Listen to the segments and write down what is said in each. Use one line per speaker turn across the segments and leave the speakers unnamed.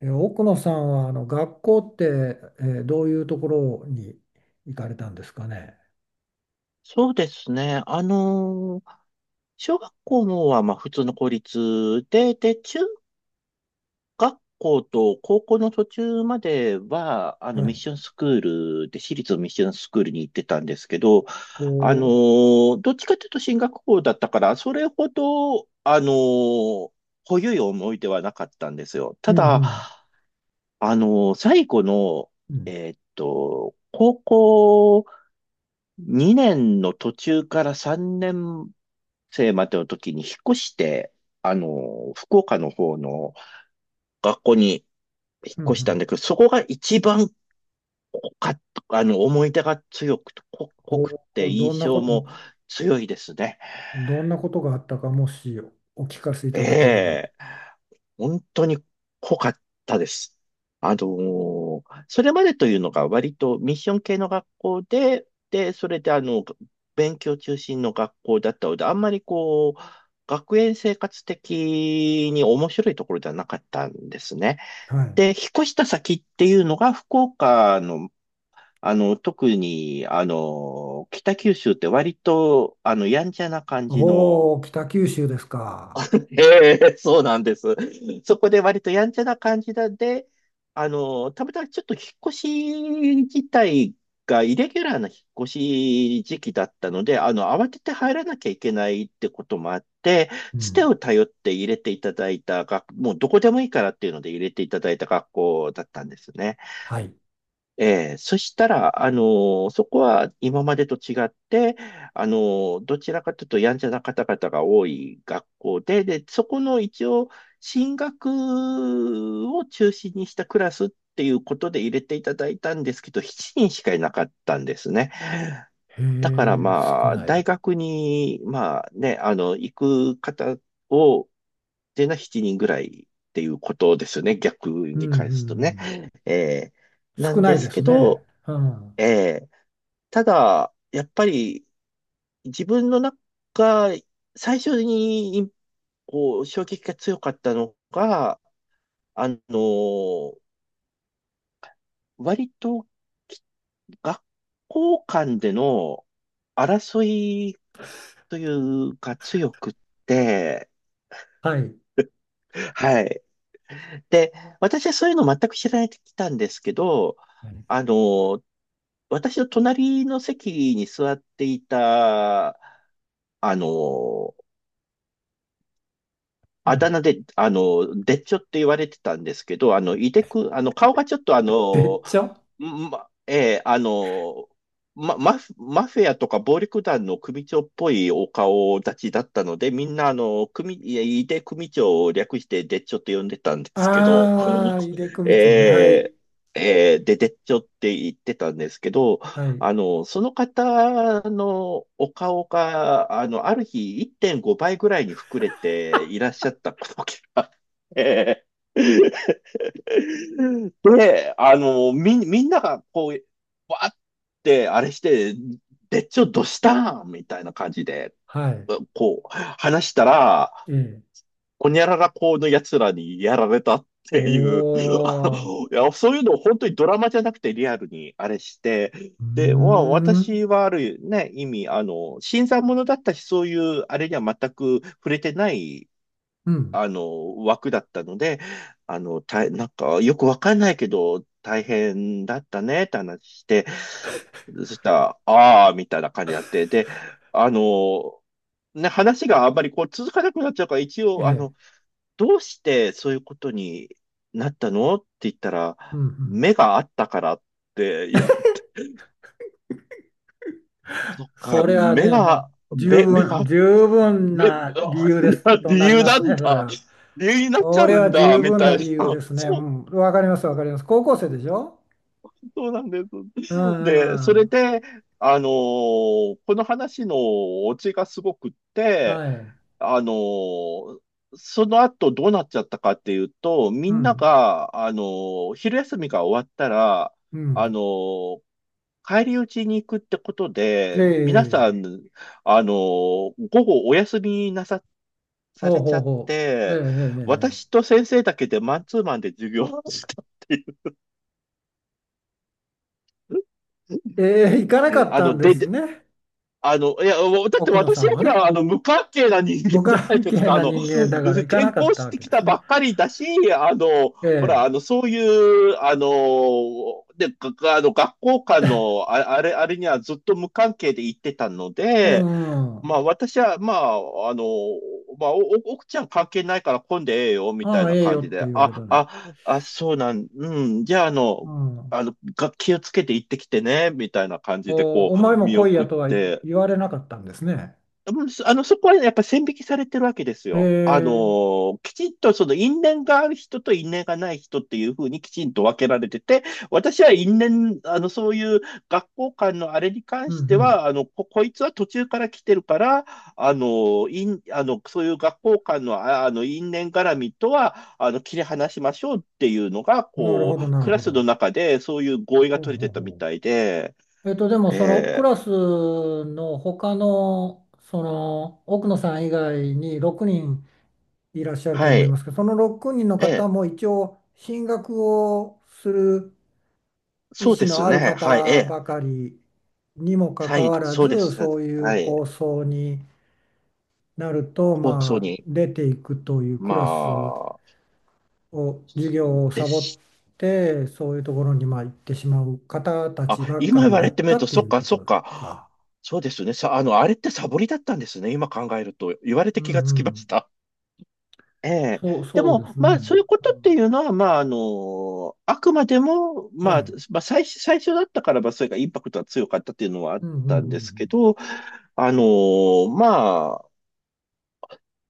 奥野さんは学校って、どういうところに行かれたんですかね。
そうですね。小学校のはまあ普通の公立で、中学校と高校の途中までは、
は
ミッ
い。
ションスクールで、私立のミッションスクールに行ってたんですけど、
ほ
どっちかというと進学校だったから、それほど、濃ゆい思い出はなかったんですよ。
う。
た
うんう
だ、
ん。
あの最後の、
うん。
高校2年の途中から3年生までの時に引っ越して、福岡の方の学校に引っ
うんう
越したん
ん。
だけど、そこが一番濃かった、思い出が強くて、濃濃
ほ
くて
う。
印象も強いですね。
どんなことがあったか、もしお聞かせい
え
ただければ。
え、本当に濃かったです。あのーそれまでというのが割とミッション系の学校で、で、それで勉強中心の学校だったので、あんまりこう、学園生活的に面白いところではなかったんですね。
はい。
で、引っ越した先っていうのが福岡の、特に、北九州って割と、やんちゃな感じ
お
の、
お、北九州ですか。
ええ、そうなんです。そこで割とやんちゃな感じなんで、たまたまちょっと引っ越し自体がイレギュラーな引っ越し時期だったので、慌てて入らなきゃいけないってこともあって、
う
つて
ん。
を頼って入れていただいたもうどこでもいいからっていうので入れていただいた学校だったんですね。
はい。
ええ、そしたら、そこは今までと違って、どちらかというとやんちゃな方々が多い学校で、で、そこの一応、進学を中心にしたクラスっていうことで入れていただいたんですけど、7人しかいなかったんですね。
へ
だから
え、少
まあ、
な
大
い。
学に、まあね、行く方を、でな7人ぐらいっていうことですよね、逆
うん
に
う
返すと
んう
ね。
ん。
ええ、な
少
ん
な
で
い
す
です
け
ね。
ど、
うん。
ええ。ただ、やっぱり自分の中、最初にこう衝撃が強かったのが、あの、割とき学校間での争いというか強くって、
はい。
はい。で、私はそういうの全く知られてきたんですけど、あの、私の隣の席に座っていた、あの、
う
あだ
ん。
名で、でっちょって言われてたんですけど、あの、いでく、あの、顔がちょっと
別町。
ま、えーあの、マフィアとか暴力団の組長っぽいお顔立ちだったので、みんないやいで組長を略してでっちょって呼んでたんですけど、
ああ、井手 組長ね。はい。
えでっちょって言ってたんですけど、
はい。
その方のお顔が、ある日1.5倍ぐらいに膨れていらっしゃったことがあって、で、みんながこう、わーってあれして、でっちょどしたんみたいな感じで、
はい。
こう、話したら、
ええ。
ほにゃらら校の奴らにやられたっ
お
ていう、
ー。
いや、そういうのを本当にドラマじゃなくてリアルにあれして、
うー
で、まあ、
ん。
私はあるね、意味、新参者だったし、そういうあれには全く触れてない、
うん。
枠だったので、なんか、よくわかんないけど、大変だったねって話して、そしたら、ああ、みたいな感じになって、で、あの、ね、話があんまりこう続かなくなっちゃうから、一
え
応、
え。
どうしてそういうことになったのって言ったら、
うんうん。
目があったからって言われて、そっか、
それは
目
ね、も
が、
う十
目、目
分、
が、
十分
目、
な理由です と
理
なり
由
ま
な
す
ん
ね、それ
だ。
は。
理由になっち
そ
ゃ
れ
う
は
んだ、
十
み
分
た
な
いな。
理由で すね。う
そう、
ん。わかります、わかります。高校生でしょ？
そうなんで
う
す。で、そ
んう
れ
ん。
で、あのーこの話のオチがすごくって、
はい。
あのーその後どうなっちゃったかっていうと、み
う
んな
ん。
が、昼休みが終わったら、
う
あ
ん。
のー帰り討ちに行くってこと
え
で、皆さ
え。
ん、あのー午後お休みなさ、さ
ほう
れち
ほ
ゃ
う
っ
ほう。え
て、
え。
私と先生だけでマンツーマンで授業をしたっていう。う
ええ。ええ、え
ん
え、行かなか
え、
っ
あ
た
の、
んです
で、
ね、
あの、いや、だって
奥野さ
私
ん
は
は
ほ
ね。
ら、無関係な人間
無
じゃない
関
です
係
か。
な人間だから行か
転
なか
校
った
し
わ
て
け
き
で
た
す
ば
ね。
っかりだし、あの、
え
ほら、
え。
あの、そういう、あの、で、があの、学校間の、あ、あれ、あれにはずっと無関係で行ってたの
う
で、
ん、う
まあ、
ん。
私は、お奥ちゃん関係ないから混んでええよ、みた
あ
い
あ、
な
ええ
感
よ
じ
って
で、
言われたの。
そうなん、うん、じゃあ、
うん。
気をつけて行ってきてね、みたいな感じで、こ
お前
う、
も
見
来い
送
や
っ
とは
て、
言われなかったんですね。
うんそあの、そこはねやっぱ線引きされてるわけです
え
よ。
え。
きちんとその因縁がある人と因縁がない人っていうふうにきちんと分けられてて、私は因縁、そういう学校間のあれに関
う
して
ん
は、こいつは途中から来てるから、あのー、因、あの、そういう学校間の、因縁絡みとは、切り離しましょうっていうのが、
うん。なる
こ
ほど、
う、
なる
クラ
ほ
スの
ど。
中でそういう合意が
ほう
取れ
ほう
てたみ
ほ
たいで、
う。でもそのク
ええ、
ラスの他の、その奥野さん以外に6人いらっしゃると
は
思いま
い。
すけど、その6人の
ええ、
方も一応進学をする意
そう
思
で
の
す
ある
ね。はい。え
方
え、
ばかりにもか
は
か
い、
わら
そうで
ず、
す。
そういう
はい。
構想になると
放送
まあ
に、
出ていくというク
ま
ラス
あ、
を、授業を
で
サボっ
す。
て、そういうところにまあ行ってしまう方た
あ、
ちば
今
か
言
り
わ
だ
れて
っ
み
た
ると、
って
そ
い
っ
う
か、
こ
そっ
とか。
か。そうですね。さ、あの、あれってサボりだったんですね。今考えると。言われ
う
て気がつ
んう
きま
ん。
した。ええ。
そう、
で
そうで
も、
す
ま
ね。
あ、そういうこ
う
とって
ん、
いうのは、まあ、あくまでも、
は
まあ、
い。
まあ、最初だったからば、それがインパクトが強かったっていうのはあっ
うんうん
たん
う
ですけ
ん
ど、あの、ま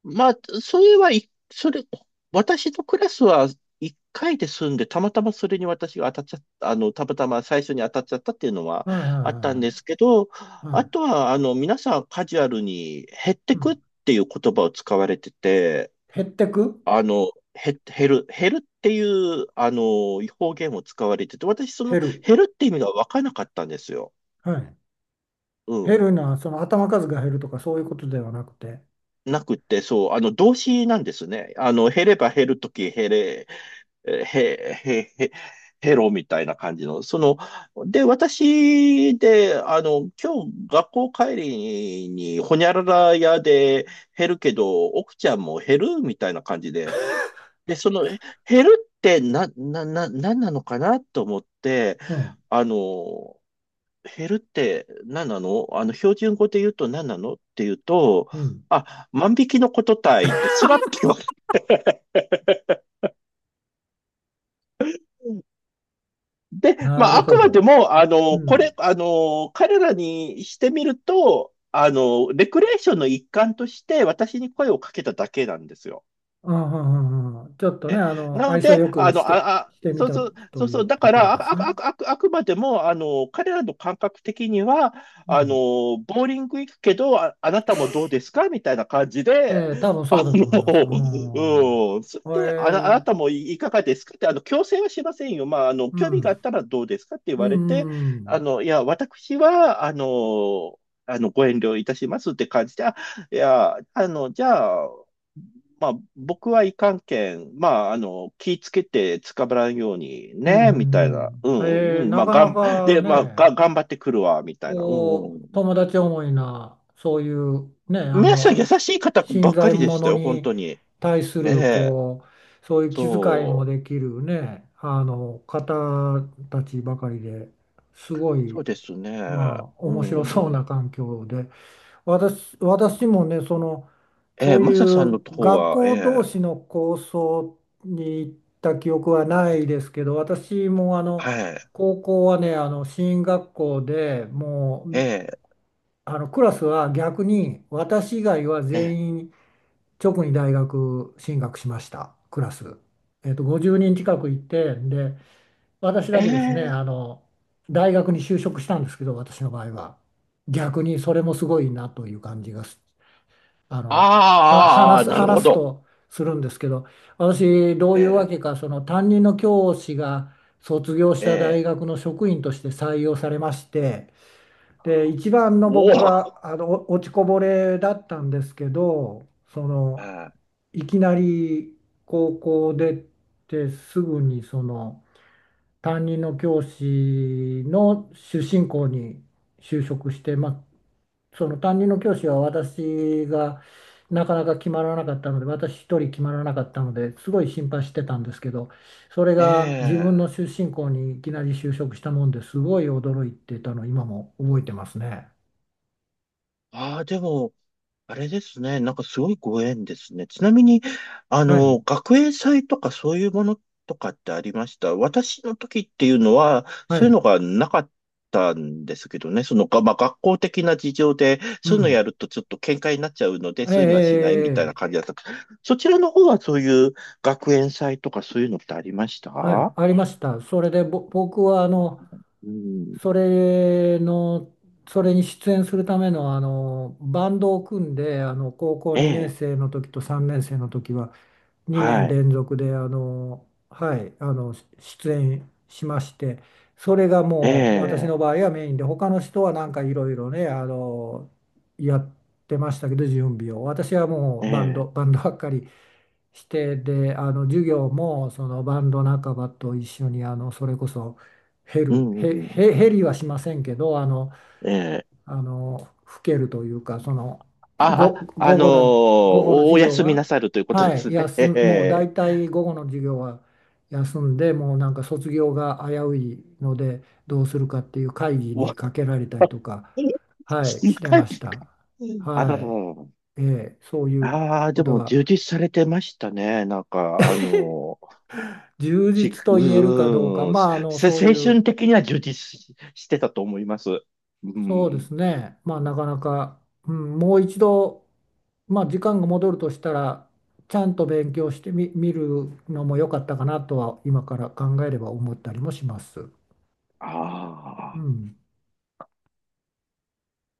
まあ、それはい、それ、私のクラスは1回で済んで、たまたまそれに私が当たっちゃった、たまたま最初に当たっちゃったっていうのは
うん。はい
あったんで
は
すけど、
いはいはい。
あ
は
と
い、
は、皆さんカジュアルに減って
う
くっ
ん、
ていう言葉を使われてて、
減ってく、
あの、減るっていう、方言を使われてて、私その
減る。
減るって意味がわからなかったんですよ。
はい。
う
減
ん。
るのは、その頭数が減るとかそういうことではなくて。
なくって、そう、動詞なんですね。減れば減るとき、減れ、えへ、へ、へ、ヘロみたいな感じの、その、で、今日学校帰りに、ほにゃらら屋で減るけど、奥ちゃんも減るみたいな感じで、で、その、減るってなんなのかなと思って、
うん
あの、減るって何なの標準語で言うと何なのって言うと、
うん。
あ、万引きのことたいって、スラッて言われて、で、ま
な
あ、
る
あく
ほ
まで
ど。
も、
う
こ
ん。
れ、彼らにしてみると、レクレーションの一環として私に声をかけただけなんですよ。
あははははちょっとね、
なの
愛想
で、
よくして、してみ
そう
た
そう、そ
と
う
い
そ
う
う、だ
と
か
ころ
ら、
ですね。
あくまでも、彼らの感覚的には、
うん。
ボーリング行くけど、あなたもどうですかみたいな感じで、
多分そうだと思います。うん。
そ
え
れで、あな
ー、
たもいかがですかって、強制はしませんよ。まあ、
う
興味があ
ん。
ったらどうですかって言
う
わ
ん、
れて、
うん。
いや、私は、ご遠慮いたしますって感じで、あ、いや、じゃあ、まあ、僕はいかんけん、まあ、気ぃつけて捕まらんように
うん、う
ね、みたいな。
ん、
う
うん。
ん、うん、
なかなか
で、
ね、
頑張ってくるわ、みたいな。うん、
こ
うん。
う友達思いな、そういうね、あ
皆さん
の
優しい
し
方ば
新
っかり
参
でした
者
よ、本
に
当に。
対す
え
る
え、
こう、そういう気遣いも
そう、
できるね、あの方たちばかりで、すご
そ
い、
うですね。
まあ
う
面白そう
ん。
な環境で。私もね、その
え
そ
え、
うい
マサさん
う
の方
学
は、え
校同
え、
士の構想に行った記憶はないですけど、私も、あの
はい、
高校はね、進学校で、も
え
う
え、
あのクラスは逆に、私以外は
ええ、
全員直に大学進学しましたクラス、50人近くいて、で私
え
だけですね、
え、
大学に就職したんですけど、私の場合は。逆にそれもすごいなという感じがす、あのは話
あー、
す、
なるほ
話す
ど。
とするんですけど、私どういうわけ
え
か、その担任の教師が卒業し
え、え
た大
え、
学の職員として採用されまして。で、一番の
おお、
僕が、あのお落ちこぼれだったんですけど、その
え
いきなり高校出てすぐにその担任の教師の出身校に就職して、まあ、その担任の教師は、私がなかなか決まらなかったので、私一人決まらなかったので、すごい心配してたんですけど、それが自分
え、え
の出
え、
身校にいきなり就職したもんで、すごい驚いてたの、今も覚えてますね。
ああ、でも、あれですね。なんかすごいご縁ですね。ちなみに、
はい、
学園祭とかそういうものとかってありました。私の時っていうのは、
は
そういう
い、
のがなかったんですけどね。その、まあ、学校的な事情で、
う
そういうのや
ん。
るとちょっと喧嘩になっちゃうので、
ええ、え
そういうのはしないみ
え、
たいな
え
感
え、
じだった。そちらの方はそういう学園祭とかそういうのってありました。
はい、ありました。それで、僕は、
うん。
それの、それに出演するための、バンドを組んで、高校
え
2年
え。
生の時と3年生の時は、2年
はい。
連続で、はい、出演しまして、それが
え
もう、私の
え。
場合はメインで、他の人はなんかいろいろね、やってましたけど、準備を。私はも
え
う、バンド、
え。
バンドばっかり。してで、授業も、そのバンド仲間と一緒に、それこそ、ヘ
う
ル
ん。うん、う
ヘ、ヘ、
ん、
ヘリはしませんけど、
ええ。
吹けるというか、その午後の、午後の
お
授業
休みな
は、
さるということで
はい、
すね。
もう
え
大
え、
体午後の授業は休んで、もうなんか卒業が危ういのでどうするかっていう会議
わ、
にかけられたりとか、はい、
深
してま
い
した。
あ
は
らら
い、
らら。
ええ、そういう
ああ、で
こと
も充
が、
実されてましたね。なんか、あのー、
充
し、
実と言えるかどうか、
うーん、
まあ、
せ、
そう
せ青
いう、
春的には充実し、してたと思います。う
そうで
ん。
すね、まあ、なかなか、うん、もう一度、まあ、時間が戻るとしたら、ちゃんと勉強してみ、見るのも良かったかなとは、今から考えれば思ったりもします。
あ
う
あ。
ん。